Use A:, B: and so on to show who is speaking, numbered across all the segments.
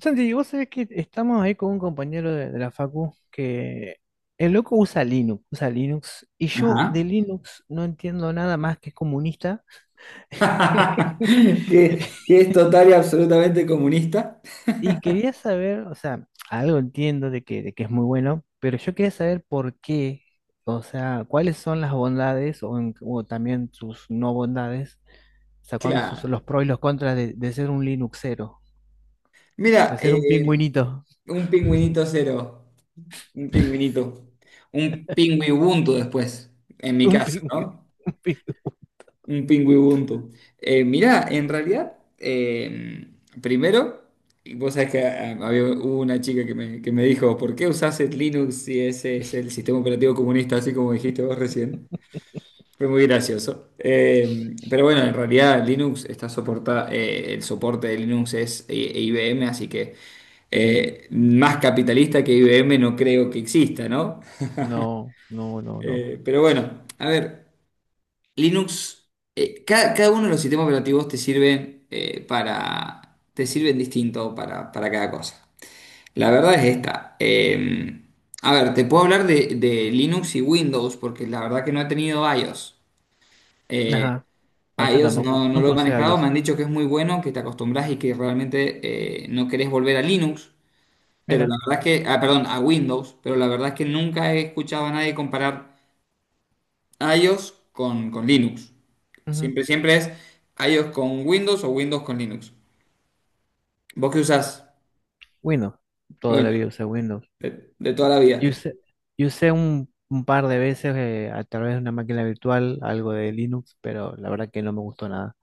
A: Santi, vos sabés que estamos ahí con un compañero de la facu que el loco usa Linux, y yo de
B: Ajá.
A: Linux no entiendo nada más que es comunista.
B: Que es total y absolutamente comunista.
A: Y quería saber, o sea, algo entiendo de que es muy bueno, pero yo quería saber por qué, o sea, cuáles son las bondades o, o también sus no bondades, o sea, cuáles son
B: Claro.
A: los pros y los contras de ser un Linuxero, de
B: Mira,
A: ser un pingüinito,
B: un pingüinito cero. Un pingüinito. Un pingüibuntu después, en mi
A: un
B: caso,
A: pingüino,
B: ¿no?
A: un pingüino.
B: Un pingüibuntu. Mira, en realidad, primero, y vos sabés que hubo una chica que que me dijo, ¿por qué usás el Linux si ese es el sistema operativo comunista, así como dijiste vos recién? Fue muy gracioso. Pero bueno, en realidad Linux el soporte de Linux es IBM, así que más capitalista que IBM no creo que exista, ¿no?
A: No, no, no,
B: Pero bueno, a ver, Linux, cada uno de los sistemas operativos te sirven te sirven distinto para cada cosa. La verdad es esta. A ver, te puedo hablar de Linux y Windows, porque la verdad que no he tenido iOS. Eh,
A: no.
B: A
A: Bueno, yo
B: ellos
A: tampoco,
B: no, no lo
A: nunca
B: he
A: usé
B: manejado, me
A: iOS.
B: han dicho que es muy bueno, que te acostumbras y que realmente no querés volver a Linux, pero
A: Mira,
B: la verdad es que, ah, perdón, a Windows, pero la verdad es que nunca he escuchado a nadie comparar iOS con Linux.
A: ujú.
B: Siempre, siempre es iOS con Windows o Windows con Linux. ¿Vos qué usás?
A: Windows, toda la
B: Bueno,
A: vida usé Windows.
B: de toda la
A: yo
B: vida.
A: usé, yo usé un par de veces a través de una máquina virtual algo de Linux, pero la verdad que no me gustó nada.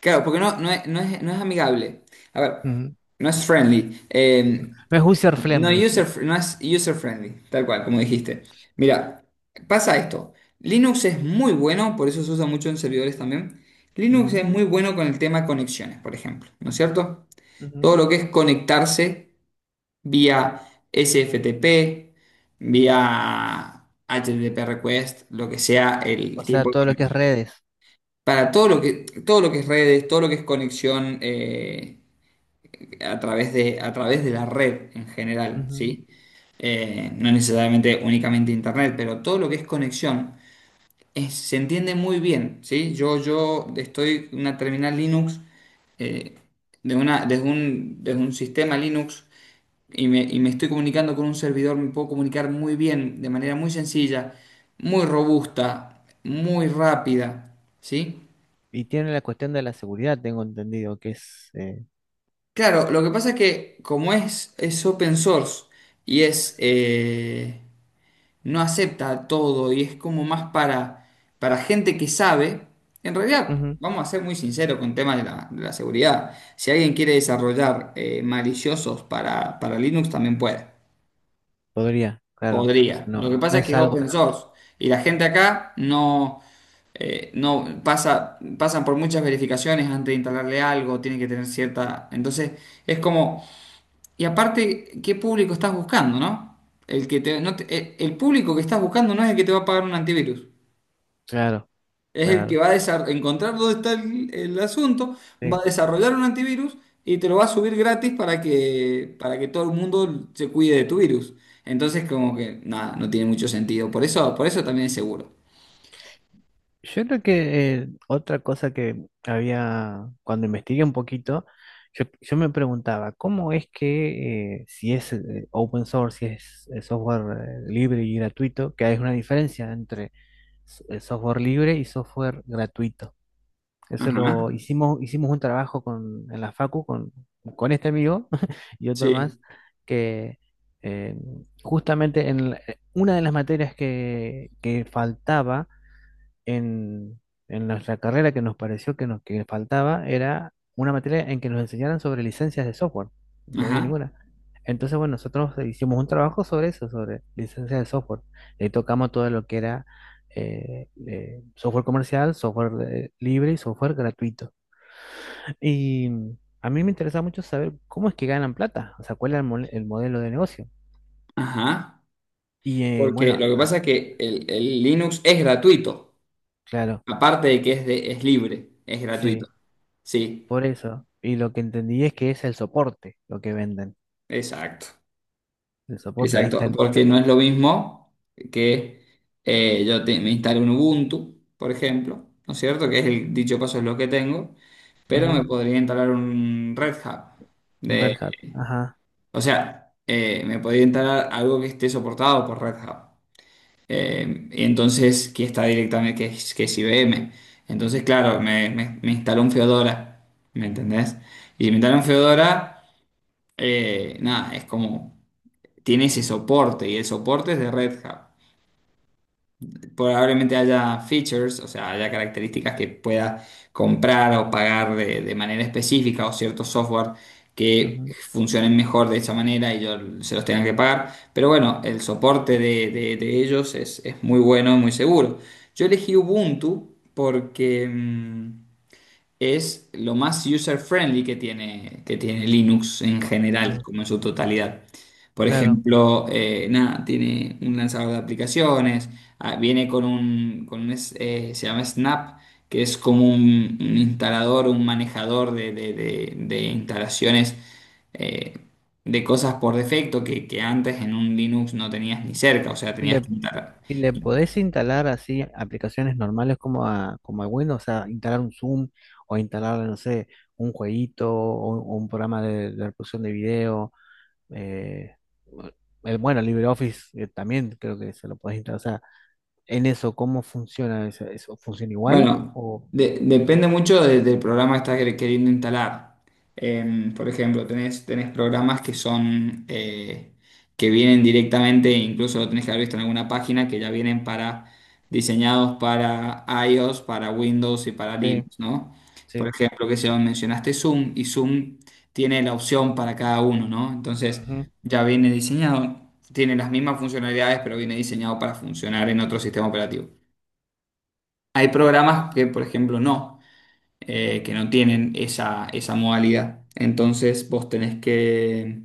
B: Claro, porque no, no es, no es amigable. A ver,
A: Ujú.
B: no es friendly.
A: No es user
B: No,
A: friendly.
B: user, no es user friendly, tal cual, como dijiste. Mira, pasa esto. Linux es muy bueno, por eso se usa mucho en servidores también. Linux es
A: Ujú,
B: muy bueno con el tema conexiones, por ejemplo, ¿no es cierto?
A: ujú.
B: Todo lo que es conectarse vía SFTP, vía HTTP request, lo que sea
A: O
B: el
A: sea,
B: tipo de
A: todo lo que es
B: conexión.
A: redes.
B: Para todo lo que es redes, todo lo que es conexión, a través a través de la red en general,
A: Ujú.
B: ¿sí? No necesariamente únicamente internet, pero todo lo que es conexión se entiende muy bien, ¿sí? Yo estoy en una terminal Linux eh, de una, desde un sistema Linux y me estoy comunicando con un servidor, me puedo comunicar muy bien, de manera muy sencilla, muy robusta, muy rápida, ¿sí?
A: Y tiene la cuestión de la seguridad, tengo entendido que es
B: Claro, lo que pasa es que como es open source y es... no acepta todo y es como más para gente que sabe. En realidad,
A: ujú.
B: vamos a ser muy sinceros con el tema de de la seguridad. Si alguien quiere desarrollar maliciosos para Linux, también puede.
A: Podría, claro. O sea,
B: Podría.
A: no,
B: Lo que pasa
A: no
B: es que
A: es
B: es
A: algo...
B: open source y la gente acá no, pasan por muchas verificaciones antes de instalarle algo, tiene que tener cierta... Entonces, es como... Y aparte, ¿qué público estás buscando, no? El el público que estás buscando no es el que te va a pagar un antivirus.
A: Claro,
B: Es el que
A: claro.
B: va a encontrar dónde está el asunto, va
A: Sí.
B: a desarrollar un antivirus y te lo va a subir gratis para que todo el mundo se cuide de tu virus. Entonces, como que nada, no tiene mucho sentido. Por eso también es seguro.
A: Yo creo que otra cosa que había, cuando investigué un poquito, yo me preguntaba, ¿cómo es que si es open source, si es software libre y gratuito, que hay una diferencia entre software libre y software gratuito? Eso
B: Ajá.
A: lo hicimos, hicimos un trabajo con, en la Facu con este amigo y otro más,
B: Sí,
A: que eh, justamente una de las materias que faltaba en, en nuestra carrera que nos pareció que nos que faltaba era una materia en que nos enseñaran sobre licencias de software. No había
B: ajá,
A: ninguna. Entonces, bueno, nosotros hicimos un trabajo sobre eso, sobre licencias de software. Le tocamos todo lo que era software comercial, software libre y software gratuito. Y a mí me interesa mucho saber cómo es que ganan plata, o sea, cuál es el modelo de negocio.
B: ajá.
A: Y
B: Porque
A: bueno,
B: lo que pasa es que el Linux es gratuito,
A: claro,
B: aparte de que es, es libre, es gratuito.
A: sí,
B: Sí,
A: por eso. Y lo que entendí es que es el soporte lo que venden.
B: exacto.
A: El soporte, ahí está
B: Exacto,
A: el
B: porque
A: modelo.
B: no es lo mismo que me instale un Ubuntu, por ejemplo, ¿no es cierto? Que es el dicho paso es lo que tengo, pero me
A: Ujú,
B: podría instalar un Red Hat.
A: un
B: De,
A: Red Hat, ajá.
B: o sea, me podría instalar algo que esté soportado por Red Hat. Y entonces, que está directamente, que es IBM. Entonces, claro, me instaló un Fedora, ¿me entendés? Y si me instala un Fedora, nada, es como, tiene ese soporte y el soporte es de Red Hat. Probablemente haya features, o sea, haya características que pueda comprar o pagar de manera específica o ciertos software que
A: Ujú,
B: funcionen mejor de esta manera y yo se los tenga que pagar. Pero bueno, el soporte de ellos es muy bueno y muy seguro. Yo elegí Ubuntu porque... es lo más user-friendly que tiene Linux en general,
A: ujú,
B: como en su totalidad. Por
A: claro.
B: ejemplo, nada, tiene un lanzador de aplicaciones, ah, viene con un, se llama Snap, que es como un instalador, un manejador de instalaciones eh, de cosas por defecto que antes en un Linux no tenías ni cerca, o sea,
A: Y
B: tenías
A: le,
B: que instalar.
A: y le podés instalar así aplicaciones normales como a, como a Windows, o sea, instalar un Zoom o instalar, no sé, un jueguito o un programa de reproducción de video. eh, el, bueno, LibreOffice también creo que se lo podés instalar. O sea, en eso, ¿cómo funciona eso? ¿Eso funciona igual?
B: Bueno,
A: O,
B: depende mucho del programa que estás queriendo instalar. Por ejemplo, tenés programas que son que vienen directamente, incluso lo tenés que haber visto en alguna página, que ya vienen para diseñados para iOS, para Windows y para
A: sí,
B: Linux, ¿no? Por
A: sí.
B: ejemplo, que se mencionaste Zoom y Zoom tiene la opción para cada uno, ¿no? Entonces
A: Ujú,
B: ya viene diseñado, tiene las mismas funcionalidades, pero viene diseñado para funcionar en otro sistema operativo. Hay programas que, por ejemplo, no, que no tienen esa modalidad. Entonces vos tenés que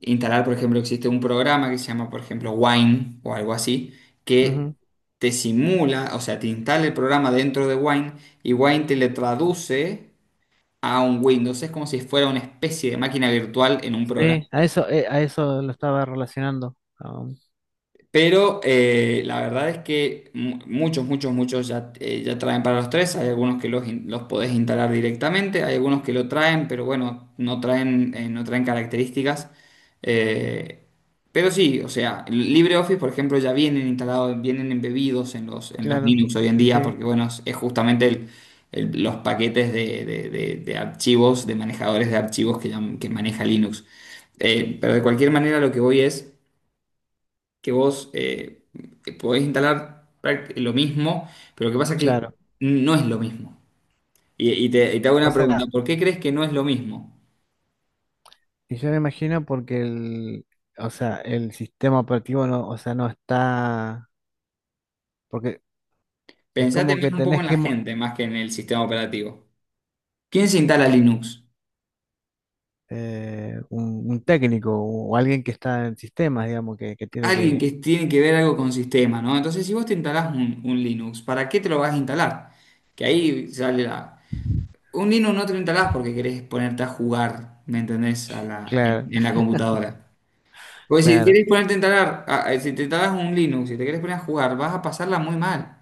B: instalar, por ejemplo, existe un programa que se llama, por ejemplo, Wine o algo así, que
A: ujú,
B: te simula, o sea, te instala el programa dentro de Wine y Wine te le traduce a un Windows. Es como si fuera una especie de máquina virtual en un programa.
A: sí, a eso lo estaba relacionando.
B: Pero la verdad es que muchos ya, ya traen para los tres. Hay algunos que los podés instalar directamente, hay algunos que lo traen, pero bueno, no traen, no traen características. Eh, pero sí, o sea, LibreOffice, por ejemplo, ya vienen instalados, vienen embebidos en los
A: Claro,
B: Linux hoy en
A: sí,
B: día,
A: sí,
B: porque bueno, es justamente los paquetes de archivos, de manejadores de archivos que, que maneja Linux. Pero de cualquier manera, lo que voy es que vos podés instalar lo mismo, pero lo que pasa es que
A: claro.
B: no es lo mismo. Y te hago
A: O
B: una pregunta,
A: sea,
B: ¿por qué crees que no es lo mismo?
A: y yo me imagino porque o sea, el sistema operativo no, o sea, no está, porque es
B: Pensate
A: como
B: más
A: que
B: un poco
A: tenés
B: en la gente más que en el sistema operativo. ¿Quién se instala Linux?
A: un técnico o alguien que está en sistemas, digamos, que tiene
B: Alguien
A: que,
B: que tiene que ver algo con sistema, ¿no? Entonces, si vos te instalás un Linux, ¿para qué te lo vas a instalar? Que ahí sale la... Un Linux no te lo instalás porque querés ponerte a jugar, ¿me entendés? A la,
A: claro,
B: en la computadora. Pues si
A: claro.
B: quieres ponerte a instalar, si te instalas un Linux, si te quieres poner a jugar, vas a pasarla muy mal.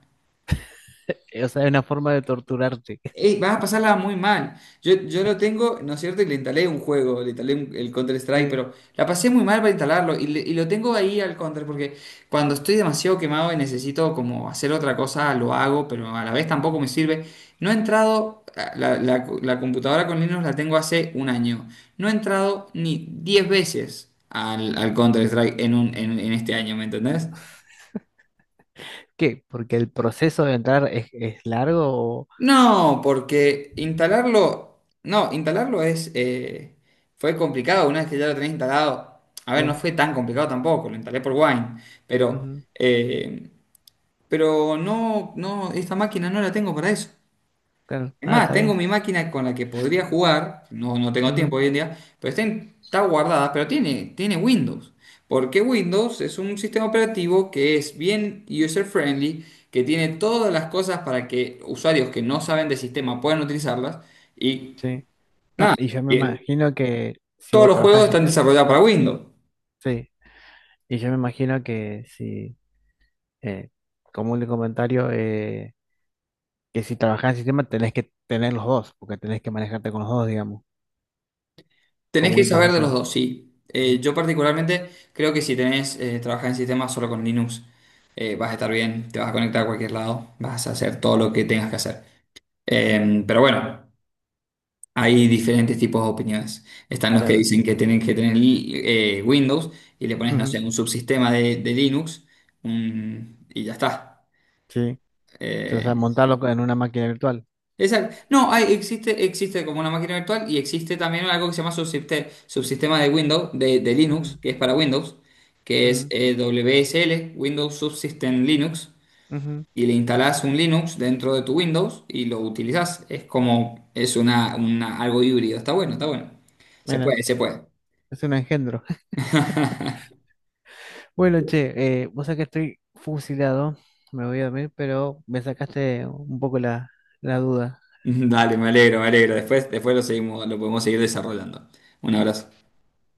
A: O sea, es una forma de torturarte.
B: Ey, vas a pasarla muy mal. Yo lo tengo, ¿no es cierto? Y le instalé un juego, le instalé el Counter-Strike,
A: Sí.
B: pero la pasé muy mal para instalarlo y, y lo tengo ahí al Counter porque cuando estoy demasiado quemado y necesito como hacer otra cosa, lo hago, pero a la vez tampoco me
A: Ujú.
B: sirve. No he entrado, la computadora con Linux la tengo hace un año. No he entrado ni 10 veces al, al Counter-Strike en, en este año, ¿me entendés?
A: ¿Qué? Porque el proceso de entrar es largo o...
B: No, porque instalarlo, no, instalarlo fue complicado una vez que ya lo tenés instalado. A ver, no
A: Sí.
B: fue tan complicado tampoco, lo instalé por Wine, pero,
A: Ujú,
B: eh, pero no, no, esta máquina no la tengo para eso.
A: claro.
B: Es
A: Ah,
B: más,
A: está
B: tengo
A: bien.
B: mi máquina con la que podría jugar, no, no tengo tiempo
A: Ujú.
B: hoy en día, pero está, está guardada, pero tiene, tiene Windows. Porque Windows es un sistema operativo que es bien user-friendly, que tiene todas las cosas para que usuarios que no saben de sistema puedan utilizarlas. Y
A: Sí. No,
B: nada,
A: y yo me
B: que
A: imagino que si
B: todos
A: vos
B: los juegos
A: trabajás,
B: están desarrollados para Windows.
A: sí. Y yo me imagino que si, eh, como un comentario, que si trabajás en sistema tenés que tener los dos, porque tenés que manejarte con los dos, digamos, con
B: Tenés que
A: Windows
B: saber
A: y
B: de los
A: con...
B: dos, sí.
A: Ujú,
B: Yo particularmente creo que si tenés, trabajar en sistemas solo con Linux, vas a estar bien, te vas a conectar a cualquier lado, vas a hacer todo lo
A: ujú,
B: que tengas que hacer. Pero bueno, hay diferentes tipos de opiniones. Están los que
A: claro.
B: dicen que tienen que tener Windows y le pones, no
A: Ujú,
B: sé, un subsistema de Linux y ya está.
A: sí. Entonces, a
B: Eh,
A: montarlo en una máquina virtual.
B: no, existe, existe como una máquina virtual y existe también algo que se llama subsistema de Windows, de Linux,
A: Ujú,
B: que es para Windows, que es WSL, Windows Subsystem Linux.
A: ujú, ujú.
B: Y le instalás un Linux dentro de tu Windows y lo utilizás. Es como, es una, algo híbrido. Está bueno, está bueno. Se
A: Mira,
B: puede, se puede.
A: es un engendro. Bueno, che, vos sabés que estoy fusilado, me voy a dormir, pero me sacaste un poco la, la duda.
B: Dale, me alegro, me alegro. Después, después lo seguimos, lo podemos seguir desarrollando. Un abrazo.